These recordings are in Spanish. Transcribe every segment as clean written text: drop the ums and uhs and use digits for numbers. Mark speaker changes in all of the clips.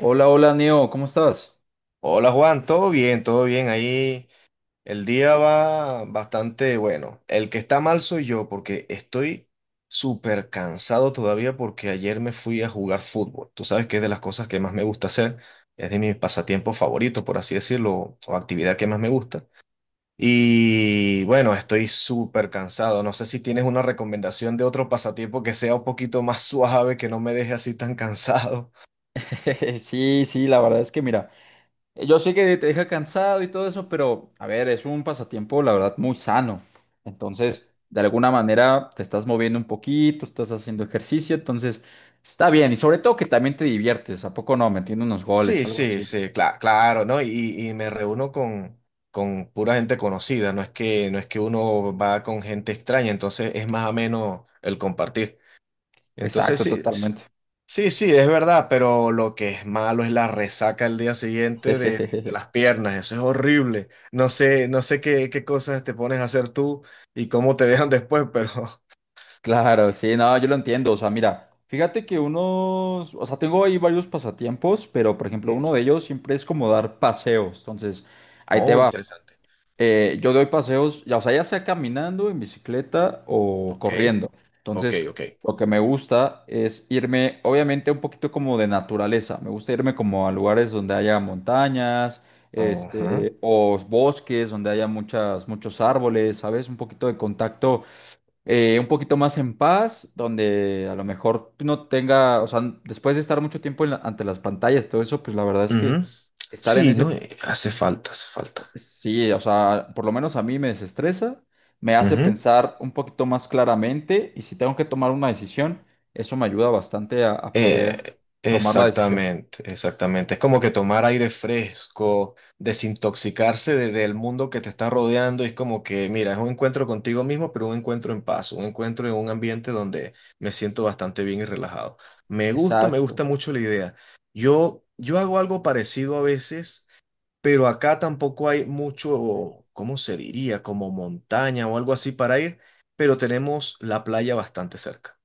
Speaker 1: Hola, hola, Neo, ¿cómo estás?
Speaker 2: Hola Juan, todo bien, todo bien. Ahí el día va bastante bueno. El que está mal soy yo porque estoy súper cansado todavía porque ayer me fui a jugar fútbol. Tú sabes que es de las cosas que más me gusta hacer, es de mis pasatiempos favoritos, por así decirlo, o actividad que más me gusta. Y bueno, estoy súper cansado. No sé si tienes una recomendación de otro pasatiempo que sea un poquito más suave, que no me deje así tan cansado.
Speaker 1: Sí, sí, la verdad es que mira, yo sé que te deja cansado y todo eso, pero a ver, es un pasatiempo, la verdad, muy sano. Entonces, de alguna manera te estás moviendo un poquito, estás haciendo ejercicio, entonces está bien. Y sobre todo que también te diviertes, ¿a poco no? Metiendo unos goles o
Speaker 2: Sí,
Speaker 1: algo
Speaker 2: sí,
Speaker 1: así.
Speaker 2: sí, claro, ¿no? Y me reúno con pura gente conocida, no es que uno va con gente extraña, entonces es más ameno el compartir. Entonces
Speaker 1: Exacto,
Speaker 2: sí, s-
Speaker 1: totalmente.
Speaker 2: sí, sí, es verdad, pero lo que es malo es la resaca el día siguiente de las piernas, eso es horrible. No sé, no sé qué, qué cosas te pones a hacer tú y cómo te dejan después, pero...
Speaker 1: Claro, sí, no, yo lo entiendo. O sea, mira, fíjate que unos, o sea, tengo ahí varios pasatiempos, pero por ejemplo, uno de ellos siempre es como dar paseos. Entonces, ahí te
Speaker 2: Oh,
Speaker 1: va.
Speaker 2: interesante.
Speaker 1: Yo doy paseos, ya, o sea, ya sea caminando, en bicicleta o
Speaker 2: Ok,
Speaker 1: corriendo.
Speaker 2: ok,
Speaker 1: Entonces,
Speaker 2: ok.
Speaker 1: lo que me gusta es irme, obviamente, un poquito como de naturaleza. Me gusta irme como a lugares donde haya montañas,
Speaker 2: Ujú.
Speaker 1: o bosques, donde haya muchos árboles, ¿sabes? Un poquito de contacto, un poquito más en paz, donde a lo mejor no tenga, o sea, después de estar mucho tiempo en ante las pantallas, todo eso, pues la verdad es que
Speaker 2: Ujú.
Speaker 1: estar en
Speaker 2: Sí, ¿no?
Speaker 1: ese,
Speaker 2: Hace falta, hace falta.
Speaker 1: sí, o sea, por lo menos a mí me desestresa, me hace
Speaker 2: Ujú.
Speaker 1: pensar un poquito más claramente y si tengo que tomar una decisión, eso me ayuda bastante a poder tomar la decisión.
Speaker 2: Exactamente, exactamente. Es como que tomar aire fresco, desintoxicarse del mundo que te está rodeando. Es como que, mira, es un encuentro contigo mismo, pero un encuentro en paz, un encuentro en un ambiente donde me siento bastante bien y relajado. Me
Speaker 1: Exacto.
Speaker 2: gusta mucho la idea. Yo hago algo parecido a veces. Pero acá tampoco hay mucho, ¿cómo se diría? Como montaña o algo así para ir, pero tenemos la playa bastante cerca.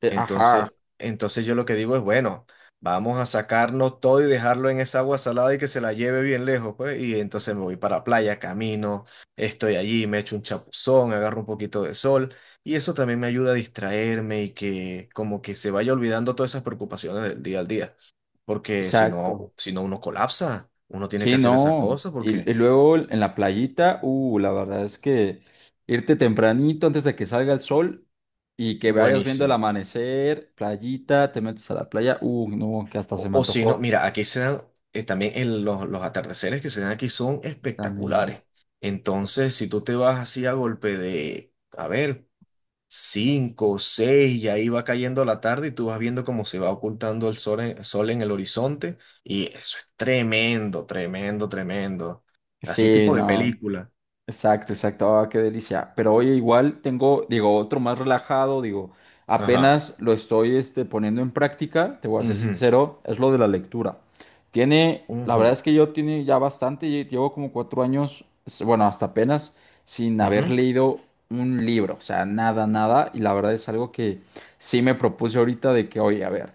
Speaker 1: Ajá,
Speaker 2: Entonces, entonces yo lo que digo es, bueno, vamos a sacarnos todo y dejarlo en esa agua salada y que se la lleve bien lejos, pues. Y entonces me voy para la playa, camino, estoy allí, me echo un chapuzón, agarro un poquito de sol. Y eso también me ayuda a distraerme y que como que se vaya olvidando todas esas preocupaciones del día al día. Porque si
Speaker 1: exacto.
Speaker 2: no, si no uno colapsa, uno tiene que
Speaker 1: Sí,
Speaker 2: hacer esas
Speaker 1: no.
Speaker 2: cosas porque
Speaker 1: Y luego en la playita, la verdad es que irte tempranito antes de que salga el sol y que vayas viendo el
Speaker 2: buenísimo.
Speaker 1: amanecer, playita, te metes a la playa, no, que hasta se me
Speaker 2: O si no,
Speaker 1: antojó
Speaker 2: mira, aquí se dan, también los atardeceres que se dan aquí son
Speaker 1: también.
Speaker 2: espectaculares. Entonces, si tú te vas así a golpe de, a ver, cinco, seis, y ahí va cayendo la tarde y tú vas viendo cómo se va ocultando el sol en, sol en el horizonte y eso es tremendo, tremendo, tremendo. Así
Speaker 1: Sí,
Speaker 2: tipo de wow.
Speaker 1: no,
Speaker 2: Película.
Speaker 1: exacto, exacto. Ah, qué delicia. Pero oye, igual tengo, digo, otro más relajado, digo,
Speaker 2: Ajá.
Speaker 1: apenas lo estoy poniendo en práctica, te voy a ser
Speaker 2: Ujú,
Speaker 1: sincero, es lo de la lectura. Tiene, la verdad
Speaker 2: ujú,
Speaker 1: es que yo tiene ya bastante, llevo como 4 años, bueno, hasta apenas, sin haber
Speaker 2: ujú.
Speaker 1: leído un libro, o sea, nada, nada. Y la verdad es algo que sí me propuse ahorita de que, oye, a ver.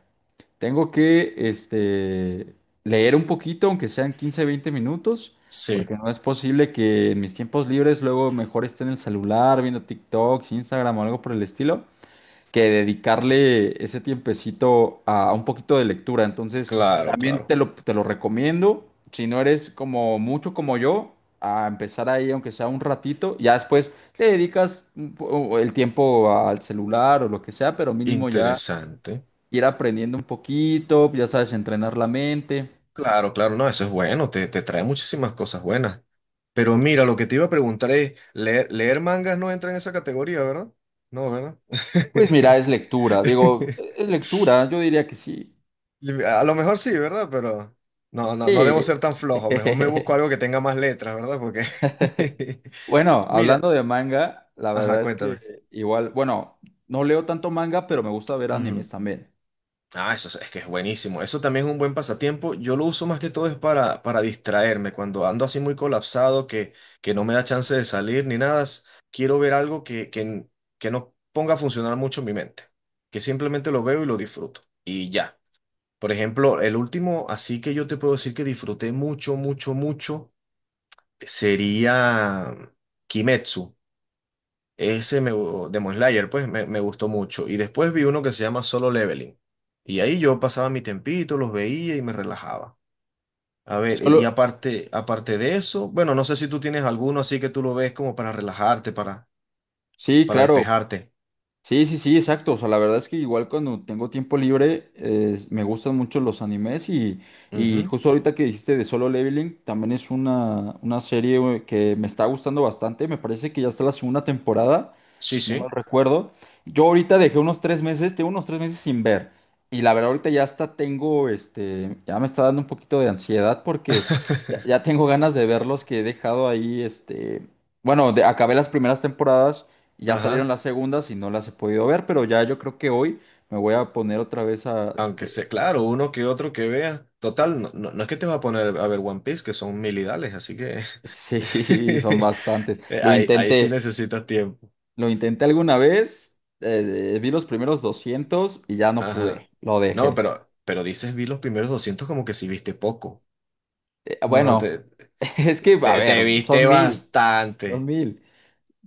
Speaker 1: Tengo que leer un poquito, aunque sean 15 20 minutos,
Speaker 2: Sí,
Speaker 1: porque no es posible que en mis tiempos libres luego mejor esté en el celular viendo TikToks, Instagram o algo por el estilo, que dedicarle ese tiempecito a un poquito de lectura. Entonces,
Speaker 2: claro,
Speaker 1: también te
Speaker 2: claro.
Speaker 1: lo, te lo recomiendo, si no eres como mucho como yo, a empezar ahí, aunque sea un ratito, ya después le dedicas un el tiempo al celular o lo que sea, pero mínimo ya
Speaker 2: Interesante.
Speaker 1: ir aprendiendo un poquito, ya sabes, entrenar la mente.
Speaker 2: Claro, claro, no, eso es bueno, te trae muchísimas cosas buenas. Pero mira, lo que te iba a preguntar es, leer, leer mangas no entra en esa categoría, ¿verdad? No, ¿verdad?
Speaker 1: Pues mira, es lectura, digo, es lectura, yo diría que sí.
Speaker 2: A lo mejor sí, ¿verdad? Pero no, no, no debo
Speaker 1: Sí.
Speaker 2: ser tan flojo, mejor me busco algo que tenga más letras, ¿verdad?
Speaker 1: Bueno,
Speaker 2: Mira,
Speaker 1: hablando de manga, la verdad
Speaker 2: ajá,
Speaker 1: es que
Speaker 2: cuéntame.
Speaker 1: igual, bueno, no leo tanto manga, pero me gusta ver animes también.
Speaker 2: Ah, eso es que es buenísimo. Eso también es un buen pasatiempo. Yo lo uso más que todo es para distraerme. Cuando ando así muy colapsado, que no me da chance de salir ni nada, quiero ver algo que no ponga a funcionar mucho mi mente. Que simplemente lo veo y lo disfruto. Y ya. Por ejemplo, el último, así que yo te puedo decir que disfruté mucho, mucho, mucho, sería Kimetsu. Ese de Demon Slayer, pues me gustó mucho. Y después vi uno que se llama Solo Leveling. Y ahí yo pasaba mi tempito, los veía y me relajaba. A ver, y
Speaker 1: Solo,
Speaker 2: aparte, aparte de eso, bueno, no sé si tú tienes alguno así que tú lo ves como para relajarte,
Speaker 1: sí,
Speaker 2: para
Speaker 1: claro.
Speaker 2: despejarte.
Speaker 1: Sí, sí, sí, exacto. O sea, la verdad es que igual cuando tengo tiempo libre, me gustan mucho los animes y
Speaker 2: Ujú.
Speaker 1: justo ahorita que dijiste de Solo Leveling, también es una serie güey, que me está gustando bastante. Me parece que ya está la segunda temporada,
Speaker 2: Sí,
Speaker 1: si no mal
Speaker 2: sí.
Speaker 1: recuerdo. Yo ahorita dejé unos 3 meses, tengo unos 3 meses sin ver. Y la verdad ahorita ya hasta tengo, ya me está dando un poquito de ansiedad porque ya tengo ganas de verlos que he dejado ahí, bueno, acabé las primeras temporadas. Ya salieron
Speaker 2: Ajá.
Speaker 1: las segundas y no las he podido ver, pero ya yo creo que hoy me voy a poner otra vez a,
Speaker 2: Aunque sea, claro, uno que otro que vea. Total, no, no, no es que te vas a poner a ver One Piece, que son milidales, así que
Speaker 1: sí, son bastantes.
Speaker 2: ahí, ahí sí necesitas tiempo.
Speaker 1: Lo intenté alguna vez, vi los primeros 200 y ya no
Speaker 2: Ajá.
Speaker 1: pude, lo
Speaker 2: No,
Speaker 1: dejé.
Speaker 2: pero dices, vi los primeros 200 como que sí viste poco. No,
Speaker 1: Bueno, es que, a ver,
Speaker 2: te viste
Speaker 1: son mil, son
Speaker 2: bastante.
Speaker 1: mil.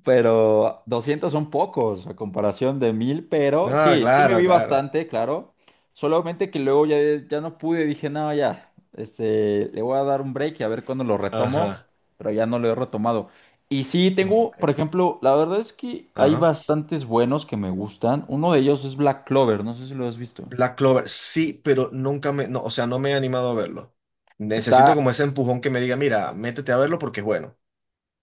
Speaker 1: Pero 200 son pocos a comparación de mil, pero
Speaker 2: No,
Speaker 1: sí, sí me
Speaker 2: claro,
Speaker 1: vi
Speaker 2: claro.
Speaker 1: bastante, claro. Solamente que luego ya no pude, dije, no, ya, le voy a dar un break y a ver cuándo lo retomo,
Speaker 2: Ajá.
Speaker 1: pero ya no lo he retomado. Y sí,
Speaker 2: No,
Speaker 1: tengo,
Speaker 2: ok.
Speaker 1: por ejemplo, la verdad es que hay
Speaker 2: Ajá.
Speaker 1: bastantes buenos que me gustan. Uno de ellos es Black Clover, no sé si lo has visto.
Speaker 2: Black Clover, sí, pero nunca me, no, o sea, no me he animado a verlo. Necesito
Speaker 1: Está,
Speaker 2: como ese empujón que me diga, mira, métete a verlo porque es bueno.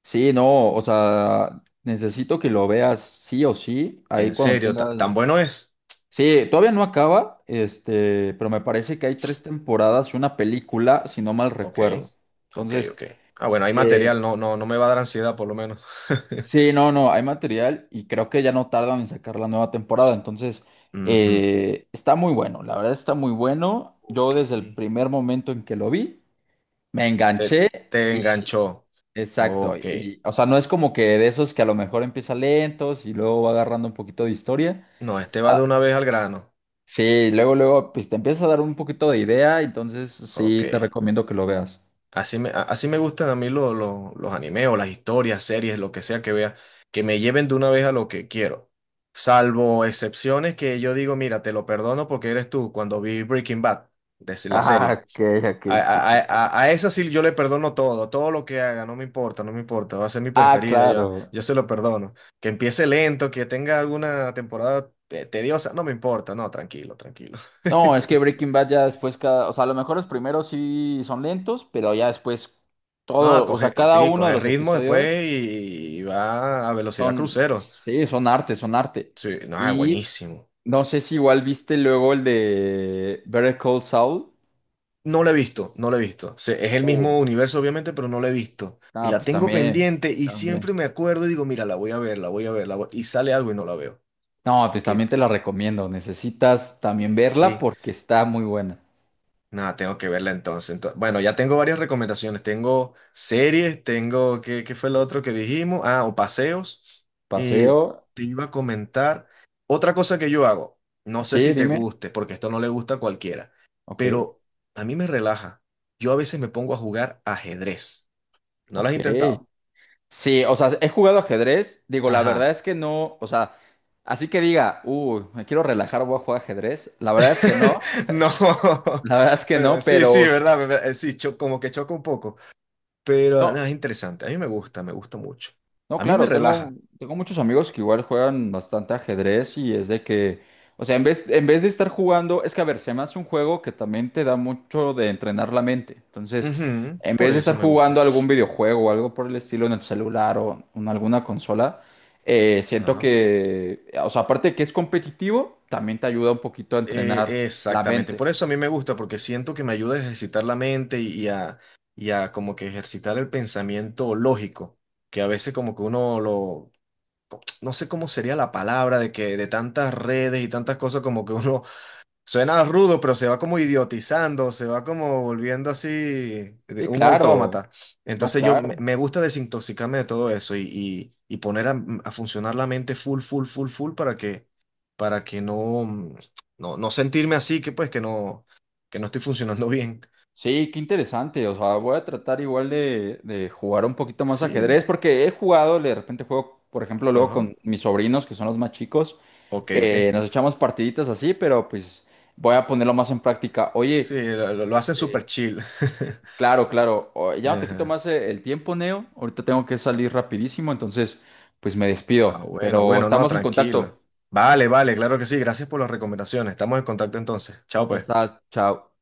Speaker 1: sí, no, o sea, necesito que lo veas sí o sí, ahí
Speaker 2: En
Speaker 1: cuando
Speaker 2: serio,
Speaker 1: tengas,
Speaker 2: ¿tan bueno es?
Speaker 1: sí, todavía no acaba, pero me parece que hay tres temporadas y una película, si no mal
Speaker 2: Ok,
Speaker 1: recuerdo.
Speaker 2: ok,
Speaker 1: Entonces,
Speaker 2: ok. Ah, bueno, hay
Speaker 1: eh,
Speaker 2: material, no, no, no me va a dar ansiedad por lo menos.
Speaker 1: sí, no, no, hay material y creo que ya no tardan en sacar la nueva temporada. Entonces,
Speaker 2: Ujú.
Speaker 1: está muy bueno, la verdad está muy bueno. Yo
Speaker 2: Ok.
Speaker 1: desde el primer momento en que lo vi, me
Speaker 2: Te,
Speaker 1: enganché
Speaker 2: te
Speaker 1: y,
Speaker 2: enganchó.
Speaker 1: exacto,
Speaker 2: Ok.
Speaker 1: y, o sea, no es como que de esos que a lo mejor empieza lentos y luego va agarrando un poquito de historia.
Speaker 2: No, este va de una vez al grano.
Speaker 1: Sí, luego, luego, pues te empieza a dar un poquito de idea, entonces
Speaker 2: Ok.
Speaker 1: sí te recomiendo que lo veas.
Speaker 2: Así así me gustan a mí los animes o las historias, series, lo que sea que vea, que me lleven de una vez a lo que quiero. Salvo excepciones que yo digo, mira, te lo perdono porque eres tú cuando vi Breaking Bad, de la
Speaker 1: Ah,
Speaker 2: serie.
Speaker 1: ok, ok, sí, sí, sí.
Speaker 2: A esa sí yo le perdono todo, todo lo que haga, no me importa, no me importa, va a ser mi
Speaker 1: Ah,
Speaker 2: preferida,
Speaker 1: claro.
Speaker 2: yo se lo perdono. Que empiece lento, que tenga alguna temporada tediosa, no me importa, no, tranquilo, tranquilo.
Speaker 1: No, es que Breaking Bad ya después cada, o sea, a lo mejor los primeros sí son lentos, pero ya después
Speaker 2: No,
Speaker 1: todo, o sea,
Speaker 2: coge,
Speaker 1: cada
Speaker 2: sí,
Speaker 1: uno de
Speaker 2: coge
Speaker 1: los
Speaker 2: ritmo
Speaker 1: episodios
Speaker 2: después y va a velocidad
Speaker 1: son,
Speaker 2: crucero.
Speaker 1: sí, son arte, son arte.
Speaker 2: Sí, no, es
Speaker 1: Y
Speaker 2: buenísimo.
Speaker 1: no sé si igual viste luego el de Better Call Saul.
Speaker 2: No lo he visto, no lo he visto. Es el
Speaker 1: Uh,
Speaker 2: mismo universo, obviamente, pero no lo he visto. Y
Speaker 1: ah,
Speaker 2: la
Speaker 1: pues
Speaker 2: tengo
Speaker 1: también,
Speaker 2: pendiente y
Speaker 1: también.
Speaker 2: siempre me acuerdo y digo, mira, la voy a ver, la voy a ver, la voy-". Y sale algo y no la veo.
Speaker 1: No, pues
Speaker 2: Que
Speaker 1: también te la recomiendo. Necesitas también verla
Speaker 2: sí.
Speaker 1: porque está muy buena.
Speaker 2: Nada, tengo que verla entonces. Ento- Bueno, ya tengo varias recomendaciones. Tengo series, tengo, ¿qué, qué fue lo otro que dijimos? Ah, o paseos. Y
Speaker 1: Paseo.
Speaker 2: te iba a comentar otra cosa que yo hago. No sé
Speaker 1: Sí,
Speaker 2: si te
Speaker 1: dime.
Speaker 2: guste, porque esto no le gusta a cualquiera,
Speaker 1: Ok.
Speaker 2: pero a mí me relaja. Yo a veces me pongo a jugar ajedrez. ¿No lo has
Speaker 1: Ok.
Speaker 2: intentado?
Speaker 1: Sí, o sea, he jugado ajedrez. Digo, la verdad
Speaker 2: Ajá.
Speaker 1: es que no. O sea, así que diga, uy, me quiero relajar, voy a jugar ajedrez. La verdad es que no.
Speaker 2: No,
Speaker 1: La verdad es que
Speaker 2: pero
Speaker 1: no,
Speaker 2: sí, sí,
Speaker 1: pero.
Speaker 2: verdad, sí, como que choca un poco, pero
Speaker 1: No.
Speaker 2: no, es interesante, a mí me gusta mucho,
Speaker 1: No,
Speaker 2: a mí me
Speaker 1: claro,
Speaker 2: relaja.
Speaker 1: tengo muchos amigos que igual juegan bastante ajedrez y es de que, o sea, en vez de estar jugando, es que a ver, se me hace un juego que también te da mucho de entrenar la mente. Entonces,
Speaker 2: Ujú,
Speaker 1: en
Speaker 2: por
Speaker 1: vez de estar
Speaker 2: eso me gusta.
Speaker 1: jugando algún videojuego o algo por el estilo en el celular o en alguna consola, siento
Speaker 2: Ajá.
Speaker 1: que, o sea, aparte de que es competitivo, también te ayuda un poquito a entrenar la
Speaker 2: Exactamente,
Speaker 1: mente.
Speaker 2: por eso a mí me gusta, porque siento que me ayuda a ejercitar la mente y a como que ejercitar el pensamiento lógico, que a veces como que uno lo, no sé cómo sería la palabra de que de tantas redes y tantas cosas como que uno. Suena rudo, pero se va como idiotizando, se va como volviendo así
Speaker 1: Sí,
Speaker 2: un
Speaker 1: claro,
Speaker 2: autómata.
Speaker 1: no,
Speaker 2: Entonces yo
Speaker 1: claro.
Speaker 2: me me gusta desintoxicarme de todo eso y poner a funcionar la mente full, full, full, full para que no, no, no sentirme así, que pues que no estoy funcionando bien.
Speaker 1: Sí, qué interesante. O sea, voy a tratar igual de jugar un poquito más
Speaker 2: Sí,
Speaker 1: ajedrez, porque he jugado, de repente juego, por ejemplo, luego
Speaker 2: ajá.
Speaker 1: con mis sobrinos, que son los más chicos,
Speaker 2: Ok, ok.
Speaker 1: nos echamos partiditas así, pero pues voy a ponerlo más en práctica. Oye,
Speaker 2: Sí, lo hacen
Speaker 1: este,
Speaker 2: súper chill.
Speaker 1: claro, claro, ya no te quito
Speaker 2: Ajá.
Speaker 1: más, el tiempo, Neo. Ahorita tengo que salir rapidísimo, entonces pues me
Speaker 2: Ah,
Speaker 1: despido,
Speaker 2: bueno,
Speaker 1: pero
Speaker 2: bueno, no,
Speaker 1: estamos en
Speaker 2: tranquilo.
Speaker 1: contacto.
Speaker 2: Vale, vale, claro que sí. Gracias por las recomendaciones. Estamos en contacto entonces. Chao,
Speaker 1: Ya
Speaker 2: pues.
Speaker 1: estás, chao.